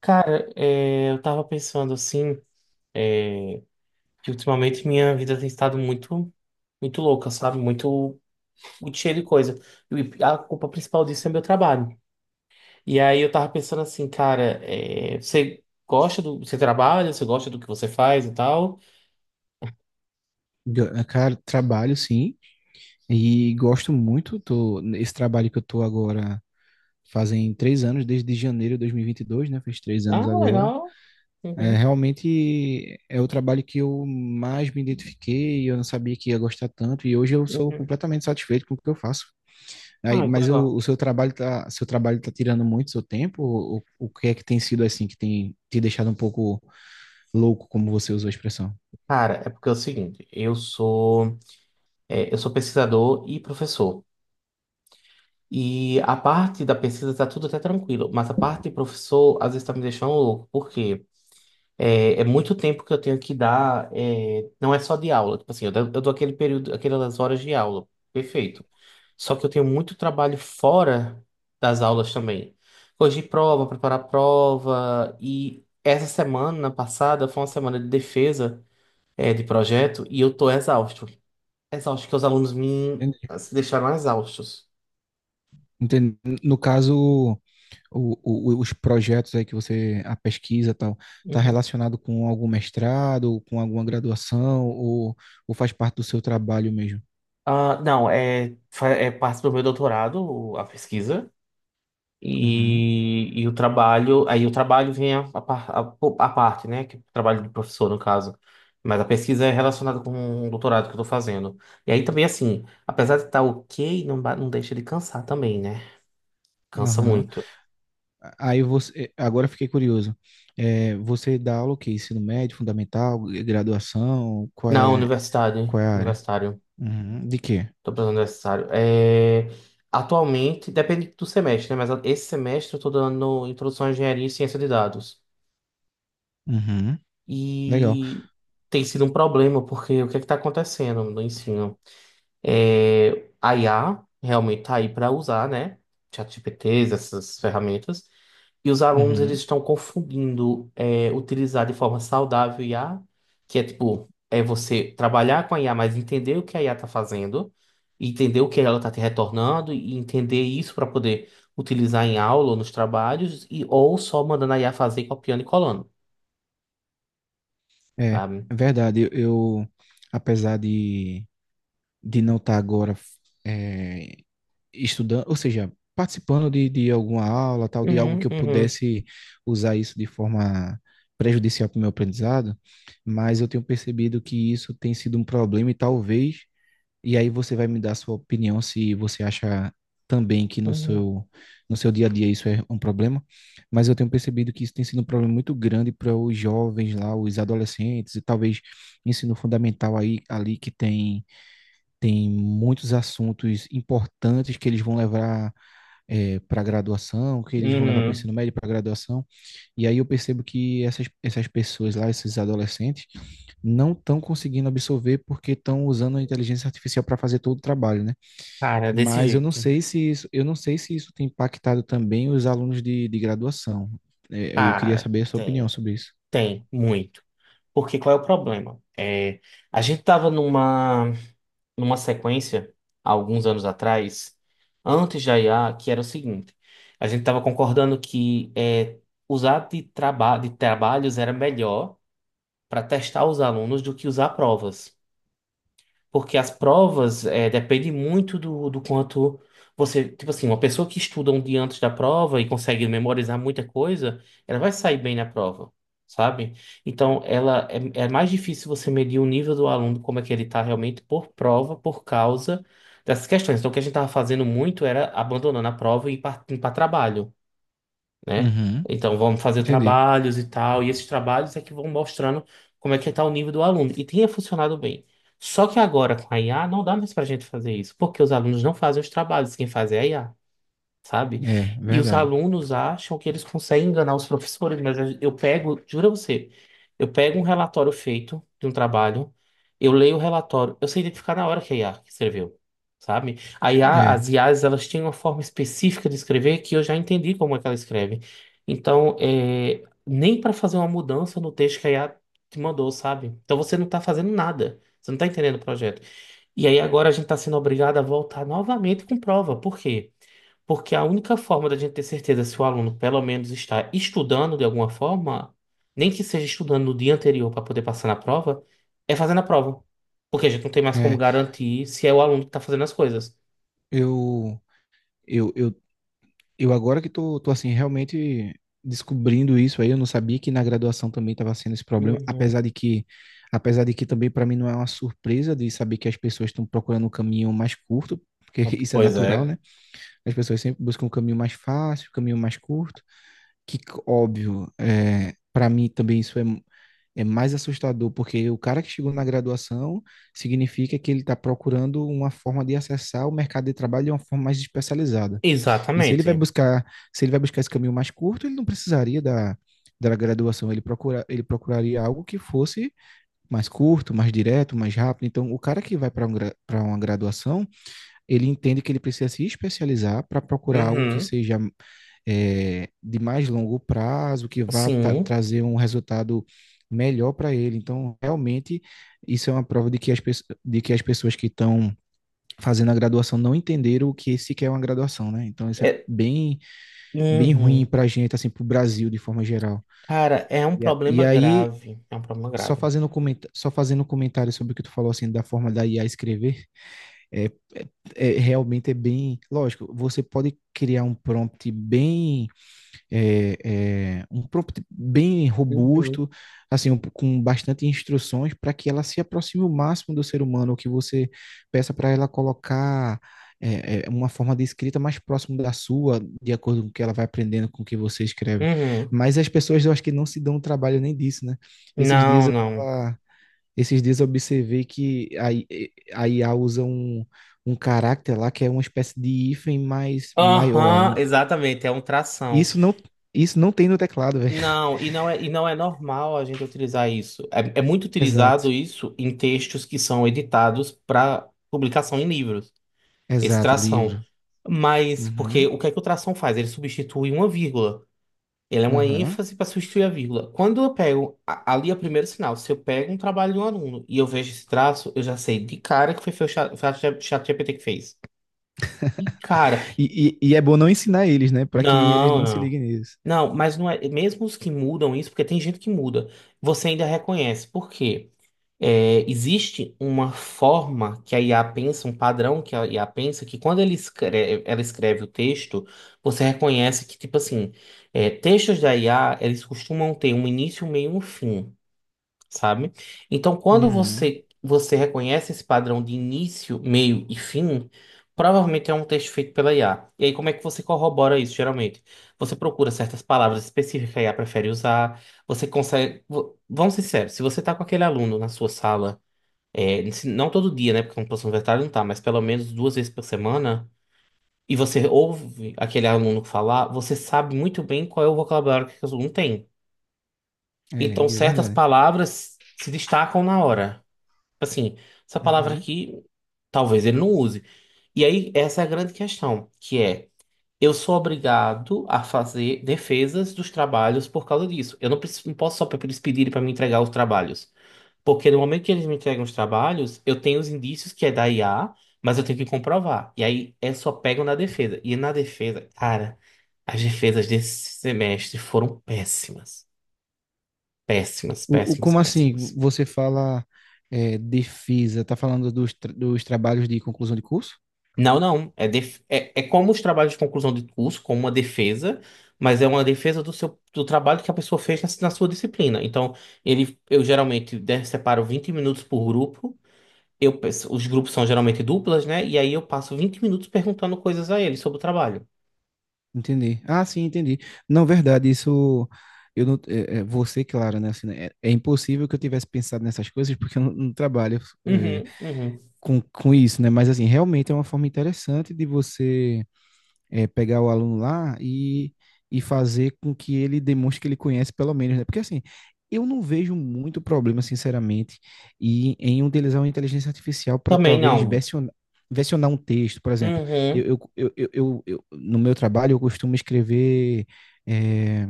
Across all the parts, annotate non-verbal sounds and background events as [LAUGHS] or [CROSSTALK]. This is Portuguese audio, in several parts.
Cara, eu tava pensando assim, é, que ultimamente minha vida tem estado muito, muito louca, sabe? Muito, muito cheia de coisa. E a culpa principal disso é meu trabalho. E aí eu tava pensando assim, cara, você trabalha, você gosta do que você faz e tal? Cara, trabalho sim, e gosto muito. Esse trabalho que eu tô agora fazem três anos, desde janeiro de dois mil e vinte e dois, né? Fez três anos Ah, agora. legal. É, Uhum, realmente é o trabalho que eu mais me identifiquei, eu não sabia que ia gostar tanto, e hoje eu sou uhum. completamente satisfeito com o que eu faço. Aí, Ah, que mas legal. o seu trabalho tá tirando muito seu tempo? O que é que tem sido assim que tem te deixado um pouco louco, como você usou a expressão? Cara, é porque é o seguinte, eu sou pesquisador e professor. E a parte da pesquisa tá tudo até tranquilo, mas a parte de professor às vezes tá me deixando louco, porque é muito tempo que eu tenho que dar, não é só de aula, tipo assim, eu dou aquele período, aquelas horas de aula, perfeito. Só que eu tenho muito trabalho fora das aulas também. Corrigir prova, preparar prova, e essa semana passada foi uma semana de defesa, de projeto, e eu tô exausto. Exausto, que os alunos me Entendi. assim, deixaram exaustos. Entendi. No caso, os projetos aí que você, a pesquisa e tal, está Uhum. relacionado com algum mestrado, com alguma graduação, ou faz parte do seu trabalho mesmo? Ah, não, é parte do meu doutorado, a pesquisa, Uhum. e o trabalho, aí o trabalho vem a parte, né, que é o trabalho de professor, no caso, mas a pesquisa é relacionada com o doutorado que eu tô fazendo. E aí também, assim, apesar de estar ok, não deixa de cansar também, né? Cansa Aham. muito. Aí você, agora eu fiquei curioso. É, você dá aula o quê? Ensino médio, fundamental, graduação? Não, universitário, Qual é a área? universitário, Uhum. De quê? tô pensando universitário. Atualmente, depende do semestre, né, mas esse semestre eu tô dando introdução à engenharia e ciência de dados. Uhum. Legal. E tem sido um problema, porque o que é que está acontecendo no ensino? A IA realmente está aí para usar, né? ChatGPTs, essas ferramentas. E os alunos eles Uhum. estão confundindo utilizar de forma saudável I a que é tipo, você trabalhar com a IA, mas entender o que a IA está fazendo, entender o que ela está te retornando e entender isso para poder utilizar em aula ou nos trabalhos, ou só mandando a IA fazer copiando e colando, É, é sabe? verdade. Apesar de não estar agora estudando, ou seja, participando de alguma aula, tal, de algo Uhum, que eu uhum, pudesse usar isso de forma prejudicial para o meu aprendizado, mas eu tenho percebido que isso tem sido um problema e talvez, e aí você vai me dar a sua opinião se você acha também que no uhum, seu, no seu dia a dia isso é um problema, mas eu tenho percebido que isso tem sido um problema muito grande para os jovens lá, os adolescentes e talvez ensino fundamental aí, ali que tem muitos assuntos importantes que eles vão levar, é, para a graduação, que eles vão levar para o ensino uhum. médio, para a graduação. E aí eu percebo que essas pessoas lá, esses adolescentes, não estão conseguindo absorver porque estão usando a inteligência artificial para fazer todo o trabalho, né? Cara, desse Mas eu não jeito. sei se isso, eu não sei se isso tem impactado também os alunos de graduação. É, eu queria Cara, saber a sua opinião sobre isso. tem, muito. Porque qual é o problema? A gente tava numa sequência, há alguns anos atrás, antes da IA, que era o seguinte. A gente tava concordando que usar de trabalhos era melhor para testar os alunos do que usar provas. Porque as provas dependem muito do quanto você. Tipo assim, uma pessoa que estuda um dia antes da prova e consegue memorizar muita coisa, ela vai sair bem na prova, sabe? Então, ela é mais difícil você medir o nível do aluno, como é que ele está realmente por prova, por causa dessas questões. Então, o que a gente estava fazendo muito era abandonando a prova e ir para trabalho, né? Uhum. Então vamos fazer Entendi. trabalhos e tal, e esses trabalhos é que vão mostrando como é que está o nível do aluno. E tinha funcionado bem. Só que agora com a IA não dá mais para a gente fazer isso, porque os alunos não fazem os trabalhos, quem faz é a IA, sabe? É, E os verdade. alunos acham que eles conseguem enganar os professores, mas eu pego, jura você, eu pego um relatório feito de um trabalho, eu leio o relatório, eu sei identificar na hora que a IA que escreveu, sabe? A IA, É, as IAs, elas têm uma forma específica de escrever que eu já entendi como é que ela escreve. Então, nem para fazer uma mudança no texto que a IA te mandou, sabe? Então você não tá fazendo nada. Você não tá entendendo o projeto. E aí agora a gente está sendo obrigado a voltar novamente com prova. Por quê? Porque a única forma da gente ter certeza se o aluno pelo menos está estudando de alguma forma, nem que seja estudando no dia anterior para poder passar na prova, é fazendo a prova. Porque a gente não tem mais como é. garantir se é o aluno que está fazendo as coisas. Eu, eu eu agora que tô, tô assim, realmente descobrindo isso aí, eu não sabia que na graduação também estava sendo esse problema, Uhum. Apesar de que também para mim não é uma surpresa de saber que as pessoas estão procurando um caminho mais curto, porque [LAUGHS] isso é Pois natural, é. né? As pessoas sempre buscam um caminho mais fácil, um caminho mais curto, que óbvio, é, para mim também isso é é mais assustador, porque o cara que chegou na graduação significa que ele está procurando uma forma de acessar o mercado de trabalho de uma forma mais especializada. E se ele vai Exatamente. buscar, se ele vai buscar esse caminho mais curto, ele não precisaria da, da graduação, ele procuraria algo que fosse mais curto, mais direto, mais rápido. Então, o cara que vai para um, para uma graduação, ele entende que ele precisa se especializar para procurar algo que Uhum. seja, é, de mais longo prazo, que vá Sim. trazer um resultado melhor para ele. Então, realmente, isso é uma prova de que de que as pessoas que estão fazendo a graduação não entenderam o que se quer uma graduação, né? Então, isso é É. Bem ruim Uhum. pra gente, assim, pro Brasil de forma geral. Cara, é um E, a- problema e aí, grave. É um problema só grave. fazendo, comenta só fazendo um comentário sobre o que tu falou, assim, da forma da IA escrever, é, é, realmente é bem... Lógico, você pode criar um prompt bem é, é, um prompt bem Uhum. robusto, assim, com bastante instruções para que ela se aproxime o máximo do ser humano, ou que você peça para ela colocar, é, é, uma forma de escrita mais próximo da sua, de acordo com o que ela vai aprendendo com o que você escreve. Uhum. Mas as pessoas, eu acho que não se dão o trabalho nem disso, né? Esses dias Não, eu não. tava, esses dias eu observei a IA usa um caráter lá que é uma espécie de hífen mais maior, Aham, né? exatamente. É um E tração. Isso não, isso não tem no teclado, velho. [LAUGHS] Não, e não é normal a gente utilizar isso. É, é muito utilizado Exato, isso em textos que são editados para publicação em livros, esse exato, tração. livro. Mas, porque Uhum, o que é que o tração faz? Ele substitui uma vírgula. Ele é uma aham. ênfase para substituir a vírgula. Quando eu pego, ali é o primeiro sinal, se eu pego um trabalho de um aluno e eu vejo esse traço, eu já sei de cara que foi o ChatGPT que fez. De cara. E é bom não ensinar eles, né? Pra que eles Não, não se não. liguem nisso. Não, mas não é. Mesmo os que mudam isso, porque tem gente que muda, você ainda reconhece. Por quê? É, existe uma forma que a IA pensa, um padrão que a IA pensa, que quando ele escreve, ela escreve o texto, você reconhece que, tipo assim, textos da IA, eles costumam ter um início, um meio e um fim, sabe? Então, quando Uhum. você reconhece esse padrão de início, meio e fim, provavelmente é um texto feito pela IA. E aí, como é que você corrobora isso, geralmente? Você procura certas palavras específicas que a IA prefere usar, você consegue... Vamos ser sérios, se você está com aquele aluno na sua sala, não todo dia, né, porque uma professor universitário não tá, mas pelo menos duas vezes por semana... E você ouve aquele aluno falar, você sabe muito bem qual é o vocabulário que aquele aluno tem. É, Então, de certas verdade. palavras se destacam na hora. Assim, essa palavra Uhum. aqui, talvez ele não use. E aí, essa é a grande questão, que é, eu sou obrigado a fazer defesas dos trabalhos por causa disso. Eu não, preciso, não posso só para eles pedirem para me entregar os trabalhos. Porque no momento que eles me entregam os trabalhos, eu tenho os indícios que é da IA, mas eu tenho que comprovar. E aí, é só pego na defesa. E na defesa, cara, as defesas desse semestre foram péssimas. Péssimas, péssimas, Como assim? péssimas. Você fala, é, defesa, tá falando dos, dos trabalhos de conclusão de curso? Não, não. É como os trabalhos de conclusão de curso, como uma defesa, mas é uma defesa do seu do trabalho que a pessoa fez na sua disciplina. Então, ele, eu geralmente separo 20 minutos por grupo. Os grupos são geralmente duplas, né? E aí eu passo 20 minutos perguntando coisas a ele sobre o trabalho. Entendi. Ah, sim, entendi. Não, verdade, isso eu não, é, é, você, claro, né? Assim, né, é, é impossível que eu tivesse pensado nessas coisas porque eu não, não trabalho, é, Uhum, uhum. Com isso, né? Mas assim, realmente é uma forma interessante de você, é, pegar o aluno lá e fazer com que ele demonstre que ele conhece pelo menos, né? Porque assim, eu não vejo muito problema, sinceramente, em utilizar uma inteligência artificial para Também talvez não. Versionar um texto, por exemplo. Uhum, No meu trabalho, eu costumo escrever. É,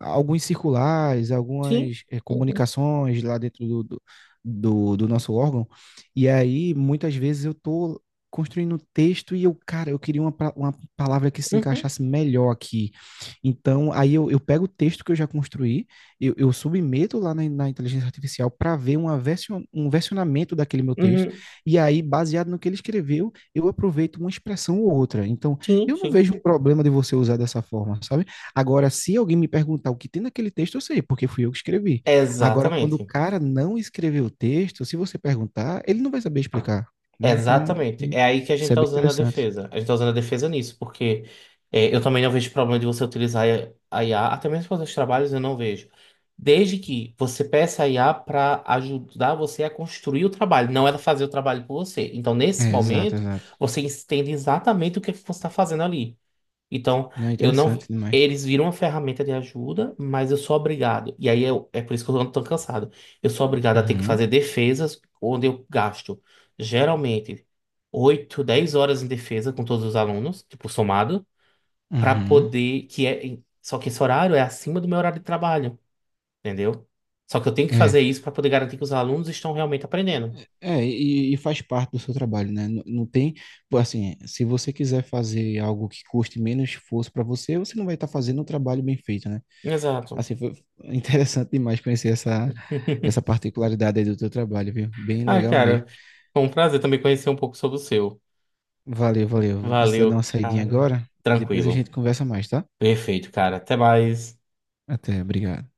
alguns circulares, sim. algumas Uhum, comunicações lá dentro do nosso órgão. E aí, muitas vezes, eu tô construindo um texto e eu, cara, eu queria uma palavra que se uhum, encaixasse melhor aqui. Então, eu pego o texto que eu já construí, eu submeto lá na inteligência artificial para ver um versionamento daquele meu texto. uhum, E aí, baseado no que ele escreveu, eu aproveito uma expressão ou outra. Então, sim, eu não sim. vejo um problema de você usar dessa forma, sabe? Agora, se alguém me perguntar o que tem naquele texto, eu sei, porque fui eu que escrevi. Agora, quando o Exatamente. cara não escreveu o texto, se você perguntar, ele não vai saber explicar, né? Então, Exatamente. É aí que a gente isso é tá bem usando a interessante. defesa. A gente tá usando a defesa nisso, porque eu também não vejo problema de você utilizar a IA, até mesmo para os trabalhos eu não vejo. Desde que você peça a IA para ajudar você a construir o trabalho, não ela fazer o trabalho por você. Então, nesse É, exato, momento, exato. você entende exatamente o que é que você está fazendo ali. Então, Não, é eu não. interessante demais. Eles viram uma ferramenta de ajuda, mas eu sou obrigado. E aí eu, é por isso que eu ando tão cansado. Eu sou obrigado a ter que Uhum, fazer defesas onde eu gasto geralmente 8, 10 horas em defesa com todos os alunos, tipo, somado, para uhum. poder. Que é, só que esse horário é acima do meu horário de trabalho, entendeu? Só que eu tenho que É, fazer isso para poder garantir que os alunos estão realmente aprendendo. E faz parte do seu trabalho, né? Não, não tem, pô, assim, se você quiser fazer algo que custe menos esforço para você, você não vai estar fazendo um trabalho bem feito, né? Exato. Assim, foi [LAUGHS] interessante demais conhecer essa, essa [LAUGHS] particularidade aí do teu trabalho, viu? Bem Ah, legal mesmo. cara, foi um prazer também conhecer um pouco sobre o seu. Valeu, valeu. Vou precisar dar Valeu, uma saidinha cara. agora e depois a Tranquilo. gente conversa mais, tá? Perfeito, cara. Até mais. Até, obrigado.